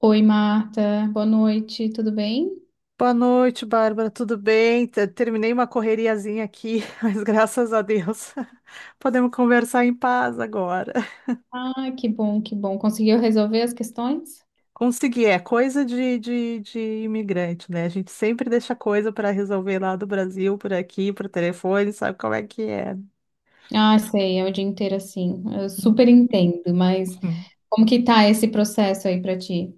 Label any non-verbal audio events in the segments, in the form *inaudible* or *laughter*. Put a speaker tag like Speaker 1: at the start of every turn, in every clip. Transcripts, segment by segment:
Speaker 1: Oi, Marta. Boa noite, tudo bem?
Speaker 2: Boa noite, Bárbara. Tudo bem? Terminei uma correriazinha aqui, *laughs* mas graças a Deus *laughs* podemos conversar em paz agora.
Speaker 1: Ah, que bom, que bom. Conseguiu resolver as questões?
Speaker 2: Consegui, é coisa de imigrante, né? A gente sempre deixa coisa para resolver lá do Brasil, por aqui, por telefone, sabe como é que é.
Speaker 1: Ah, sei, é o dia inteiro assim. Eu super
Speaker 2: *laughs*
Speaker 1: entendo, mas
Speaker 2: Uhum.
Speaker 1: como que tá esse processo aí pra ti?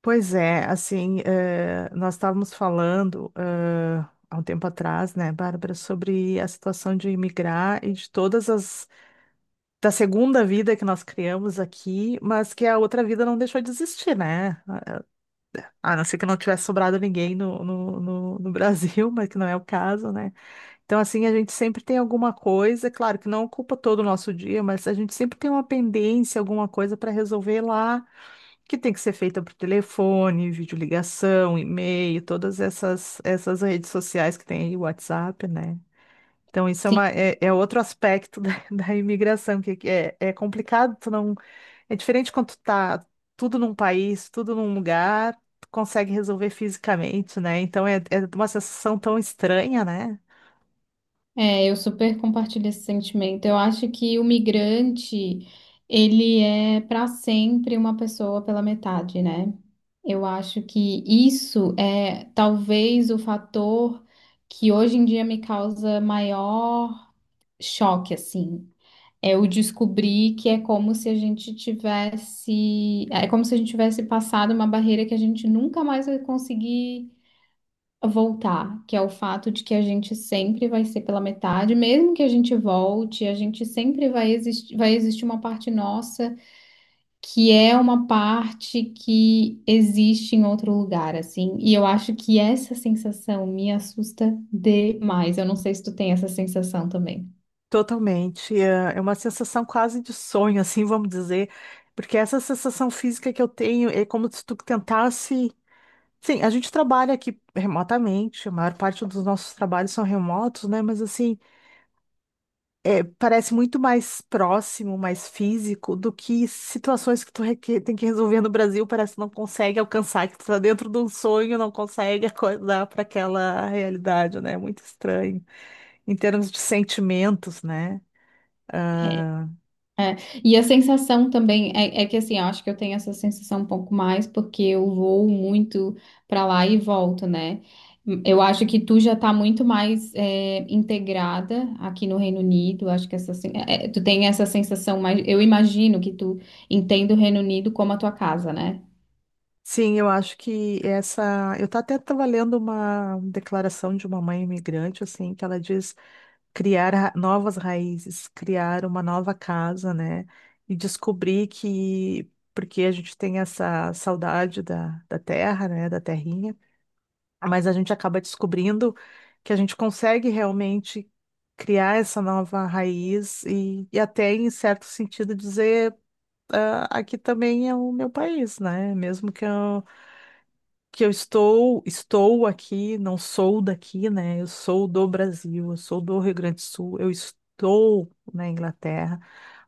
Speaker 2: Pois é, assim, nós estávamos falando, há um tempo atrás, né, Bárbara, sobre a situação de imigrar e de todas as da segunda vida que nós criamos aqui, mas que a outra vida não deixou de existir, né? A não ser que não tivesse sobrado ninguém no Brasil, *laughs* mas que não é o caso, né? Então, assim, a gente sempre tem alguma coisa, claro que não ocupa todo o nosso dia, mas a gente sempre tem uma pendência, alguma coisa para resolver lá, que tem que ser feita por telefone, videoligação, e-mail, todas essas redes sociais que tem aí, WhatsApp, né? Então, isso é,
Speaker 1: Sim.
Speaker 2: uma, é outro aspecto da, *laughs* da imigração, que é, é complicado tu não é diferente quando tu tá tudo num país, tudo num lugar, tu consegue resolver fisicamente, né? Então é, é uma sensação tão estranha, né?
Speaker 1: É, eu super compartilho esse sentimento. Eu acho que o migrante, ele é para sempre uma pessoa pela metade, né? Eu acho que isso é talvez o fator que hoje em dia me causa maior choque, assim. Eu descobri que é como se a gente tivesse, é como se a gente tivesse passado uma barreira que a gente nunca mais vai conseguir voltar, que é o fato de que a gente sempre vai ser pela metade, mesmo que a gente volte, a gente sempre vai existir uma parte nossa que é uma parte que existe em outro lugar, assim. E eu acho que essa sensação me assusta demais. Eu não sei se tu tem essa sensação também.
Speaker 2: Totalmente. É uma sensação quase de sonho, *laughs* assim, vamos dizer. Porque essa sensação física que eu tenho é como se tu tentasse. Sim, a gente trabalha aqui remotamente, a maior parte dos nossos trabalhos são remotos, né? Mas assim. Parece muito mais próximo, mais físico do que situações que tu tem que resolver no Brasil, parece que não consegue alcançar, que tu tá dentro de um sonho, não consegue acordar para aquela realidade, né? É muito estranho. Em termos de sentimentos, né? Ah,
Speaker 1: É, e a sensação também é que assim, eu acho que eu tenho essa sensação um pouco mais porque eu vou muito pra lá e volto, né? Eu acho que tu já tá muito mais integrada aqui no Reino Unido. Acho que essa, tu tem essa sensação mais. Eu imagino que tu entenda o Reino Unido como a tua casa, né?
Speaker 2: Sim, eu acho que essa. Eu até estava lendo uma declaração de uma mãe imigrante, assim, que ela diz. Criar novas raízes, criar uma nova casa, né? E descobrir que, porque a gente tem essa saudade da, da terra, né? Da terrinha, mas a gente acaba descobrindo que a gente consegue realmente criar essa nova raiz e até, em certo sentido, dizer, ah, aqui também é o meu país, né? Mesmo que eu estou, estou aqui, não sou daqui, né? Eu sou do Brasil, eu sou do Rio Grande do Sul, eu estou na Inglaterra,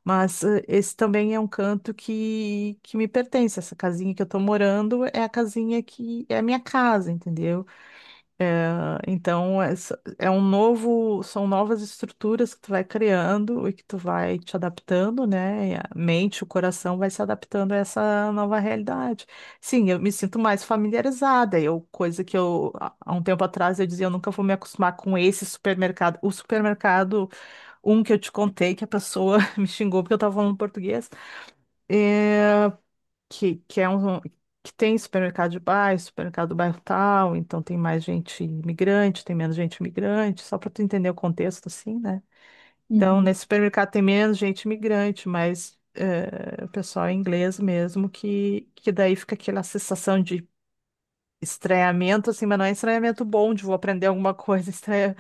Speaker 2: mas esse também é um canto que me pertence. Essa casinha que eu estou morando é a casinha que é a minha casa, entendeu? Então, é, é um novo, são novas estruturas que tu vai criando e que tu vai te adaptando, né? E a mente, o coração vai se adaptando a essa nova realidade. Sim, eu me sinto mais familiarizada. Eu, coisa que eu, há um tempo atrás, eu dizia, eu nunca vou me acostumar com esse supermercado. O supermercado, um que eu te contei, que a pessoa *laughs* me xingou porque eu estava falando português. eh, que é um que tem supermercado de bairro, supermercado do bairro tal, então tem mais gente imigrante, tem menos gente imigrante, só para tu entender o contexto assim, né? Então,
Speaker 1: Uhum.
Speaker 2: nesse supermercado tem menos gente imigrante, mas o pessoal é inglês mesmo, que daí fica aquela sensação de estranhamento, assim, mas não é estranhamento bom de vou aprender alguma coisa, *laughs* estranha,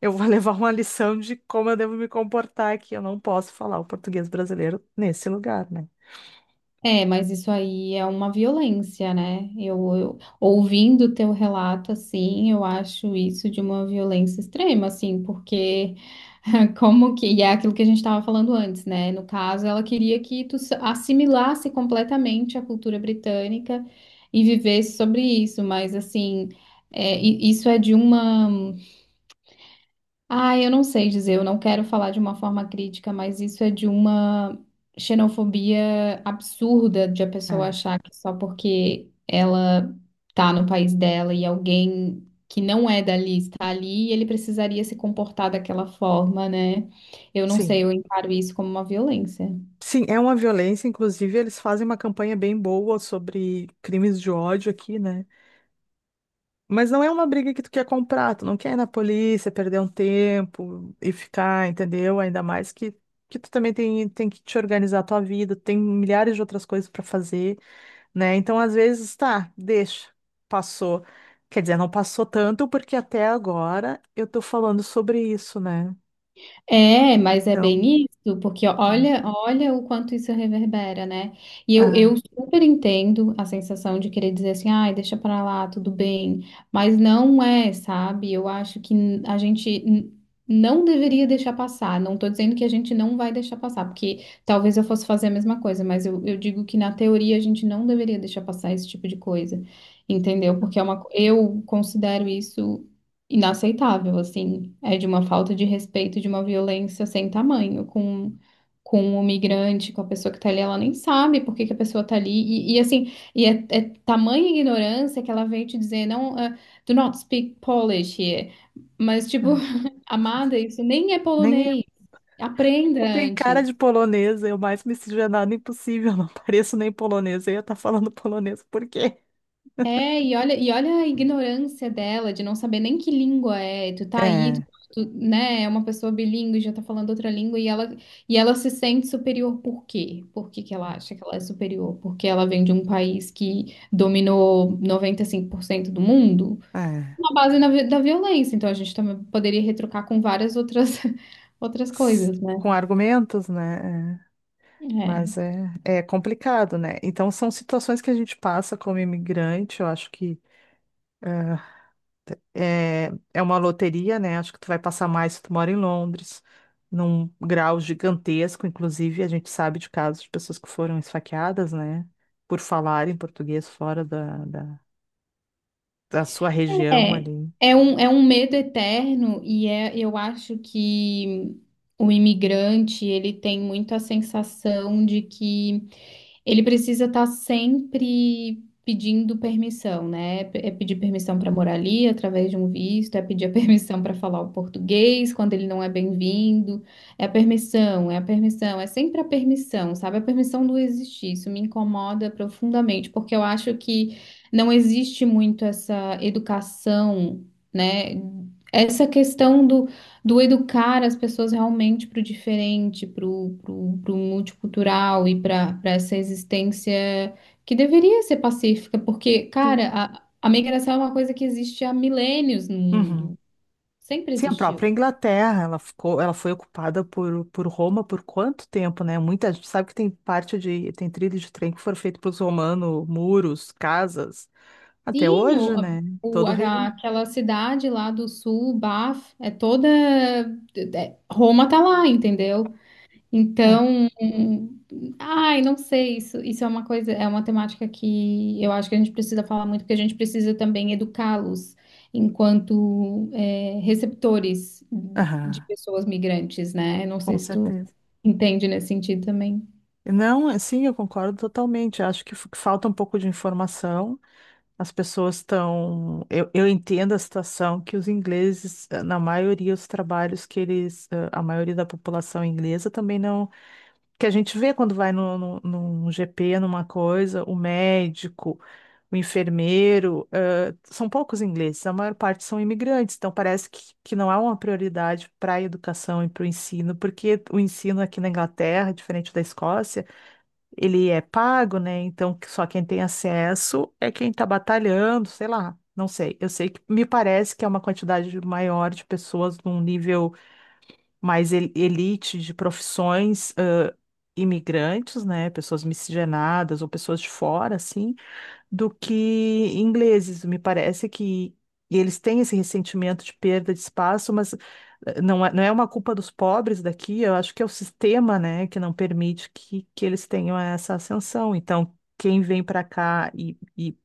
Speaker 2: eu vou levar uma lição de como eu devo me comportar aqui, eu não posso falar o português brasileiro nesse lugar, né?
Speaker 1: É, mas isso aí é uma violência, né? Eu ouvindo o teu relato assim, eu acho isso de uma violência extrema, assim, porque *laughs* como que, e é aquilo que a gente estava falando antes, né? No caso, ela queria que assimilasse completamente a cultura britânica e vivesse sobre isso, mas assim, isso é de uma eu não sei dizer, eu não quero falar de uma forma crítica, mas isso é de uma xenofobia absurda de a pessoa
Speaker 2: É.
Speaker 1: achar que só porque ela tá no país dela e alguém que não é dali está ali, ele precisaria se comportar daquela forma, né? Eu não sei,
Speaker 2: Sim.
Speaker 1: eu encaro isso como uma violência.
Speaker 2: Sim, é uma violência, inclusive eles fazem uma campanha bem boa sobre crimes de ódio aqui, né? Mas não é uma briga que tu quer comprar, tu não quer ir na polícia, perder um tempo e ficar, entendeu? Ainda mais que tu também tem, tem que te organizar a tua vida, tem milhares de outras coisas pra fazer, né? Então, às vezes, tá, deixa, passou. Quer dizer, não passou tanto porque até agora eu tô falando sobre isso, né?
Speaker 1: É, mas é
Speaker 2: Então,
Speaker 1: bem isso, porque
Speaker 2: ah,
Speaker 1: olha, olha o quanto isso reverbera, né? E eu
Speaker 2: ah,
Speaker 1: super entendo a sensação de querer dizer assim, ai, deixa pra lá, tudo bem, mas não é, sabe? Eu acho que a gente não deveria deixar passar, não tô dizendo que a gente não vai deixar passar, porque talvez eu fosse fazer a mesma coisa, mas eu digo que na teoria a gente não deveria deixar passar esse tipo de coisa, entendeu? Porque é eu considero isso inaceitável, assim. É de uma falta de respeito, de uma violência sem tamanho com o migrante, com a pessoa que tá ali. Ela nem sabe por que que a pessoa tá ali. É tamanha ignorância que ela vem te dizer, não, do not speak Polish here. Mas, tipo,
Speaker 2: ah.
Speaker 1: *laughs* amada, isso nem é
Speaker 2: Nem
Speaker 1: polonês. Aprenda
Speaker 2: eu tenho cara
Speaker 1: antes.
Speaker 2: de polonesa, eu mais miscigenada impossível, não pareço nem polonesa, eu ia estar falando polonês, por quê?
Speaker 1: É, e olha a ignorância dela de não saber nem que língua é. Tu tá aí, tu,
Speaker 2: É,
Speaker 1: tu, né? É uma pessoa bilíngue, já tá falando outra língua e e ela se sente superior por quê? Por que que ela acha que ela é superior? Porque ela vem de um país que dominou 95% do mundo?
Speaker 2: é.
Speaker 1: Na base da violência. Então a gente também poderia retrucar com várias outras, *laughs* outras coisas, né?
Speaker 2: Com argumentos, né? É.
Speaker 1: É.
Speaker 2: Mas é complicado, né? Então, são situações que a gente passa como imigrante, eu acho que é uma loteria, né? Acho que tu vai passar mais se tu mora em Londres, num grau gigantesco, inclusive, a gente sabe de casos de pessoas que foram esfaqueadas, né? Por falarem português fora da da sua região
Speaker 1: É,
Speaker 2: ali.
Speaker 1: é um medo eterno e é, eu acho que o imigrante, ele tem muito a sensação de que ele precisa estar sempre pedindo permissão, né? É pedir permissão para morar ali através de um visto, é pedir a *laughs* permissão para falar o português quando ele não é bem-vindo. É a permissão, é a permissão, é sempre a permissão, sabe? A permissão do existir. Isso me incomoda profundamente, porque eu acho que não existe muito essa educação, né? Essa questão do educar as pessoas realmente para o diferente, para o multicultural e para essa existência que deveria ser pacífica, porque, cara,
Speaker 2: Sim.
Speaker 1: a migração é uma coisa que existe há milênios no
Speaker 2: Uhum.
Speaker 1: mundo, sempre
Speaker 2: Sim, a
Speaker 1: existiu.
Speaker 2: própria Inglaterra, ela ficou, ela foi ocupada por Roma por quanto tempo, né? Muita gente sabe que tem parte de, tem trilho de trem que foram feito pelos romanos, muros, casas, até
Speaker 1: Sim,
Speaker 2: hoje, né? Todo o Reino Unido.
Speaker 1: aquela cidade lá do sul, Baf, é toda. É Roma tá lá, entendeu?
Speaker 2: Ah,
Speaker 1: Então, ai, não sei, isso é uma coisa, é uma temática que eu acho que a gente precisa falar muito, porque a gente precisa também educá-los enquanto receptores de
Speaker 2: aham,
Speaker 1: pessoas migrantes, né? Eu não
Speaker 2: com
Speaker 1: sei se tu
Speaker 2: certeza.
Speaker 1: entende nesse sentido também.
Speaker 2: Não, sim, eu concordo totalmente. Acho que falta um pouco de informação. As pessoas estão. Eu entendo a situação que os ingleses, na maioria, os trabalhos que eles. A maioria da população inglesa também não. Que a gente vê quando vai no, no, num GP, numa coisa, o médico, o enfermeiro, são poucos ingleses, a maior parte são imigrantes. Então parece que não há uma prioridade para a educação e para o ensino, porque o ensino aqui na Inglaterra, diferente da Escócia ele é pago, né? Então, que- só quem tem acesso é quem está batalhando, sei lá, não sei. Eu sei que me parece que é uma quantidade maior de pessoas num nível mais elite de profissões, imigrantes, né? Pessoas miscigenadas ou pessoas de fora, assim do que ingleses. Me parece que eles têm esse ressentimento de perda de espaço, mas não é, não é uma culpa dos pobres daqui, eu acho que é o sistema, né, que não permite que eles tenham essa ascensão. Então, quem vem para cá e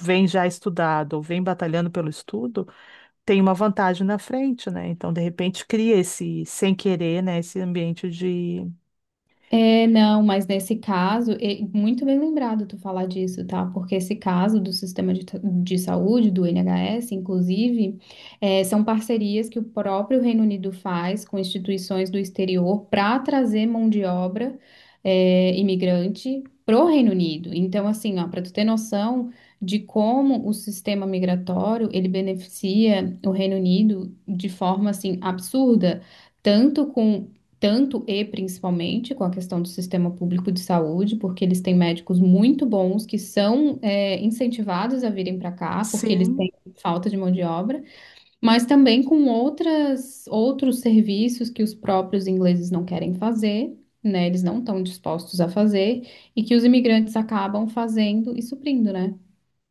Speaker 2: vem já estudado ou vem batalhando pelo estudo, tem uma vantagem na frente, né? Então, de repente, cria esse, sem querer, né, esse ambiente de.
Speaker 1: É, não, mas nesse caso, muito bem lembrado tu falar disso, tá? Porque esse caso do sistema de saúde, do NHS, inclusive, são parcerias que o próprio Reino Unido faz com instituições do exterior para trazer mão de obra, imigrante pro Reino Unido. Então, assim, ó, para tu ter noção de como o sistema migratório ele beneficia o Reino Unido de forma assim absurda tanto com tanto e principalmente com a questão do sistema público de saúde, porque eles têm médicos muito bons que são incentivados a virem para cá, porque eles
Speaker 2: Sim.
Speaker 1: têm falta de mão de obra, mas também com outros serviços que os próprios ingleses não querem fazer. Né, eles não estão dispostos a fazer e que os imigrantes acabam fazendo e suprindo, né?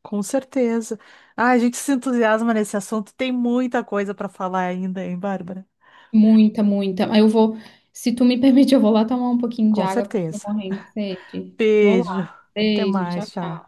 Speaker 2: Com certeza. Ah, a gente se entusiasma nesse assunto. Tem muita coisa para falar ainda, hein, Bárbara?
Speaker 1: Muita, muita. Eu vou, se tu me *laughs* permite, eu vou lá tomar um pouquinho de
Speaker 2: Com
Speaker 1: água porque eu
Speaker 2: certeza.
Speaker 1: tô morrendo de sede. Vou
Speaker 2: Beijo.
Speaker 1: lá.
Speaker 2: Até
Speaker 1: Beijo, tchau,
Speaker 2: mais, tchau.
Speaker 1: tchau.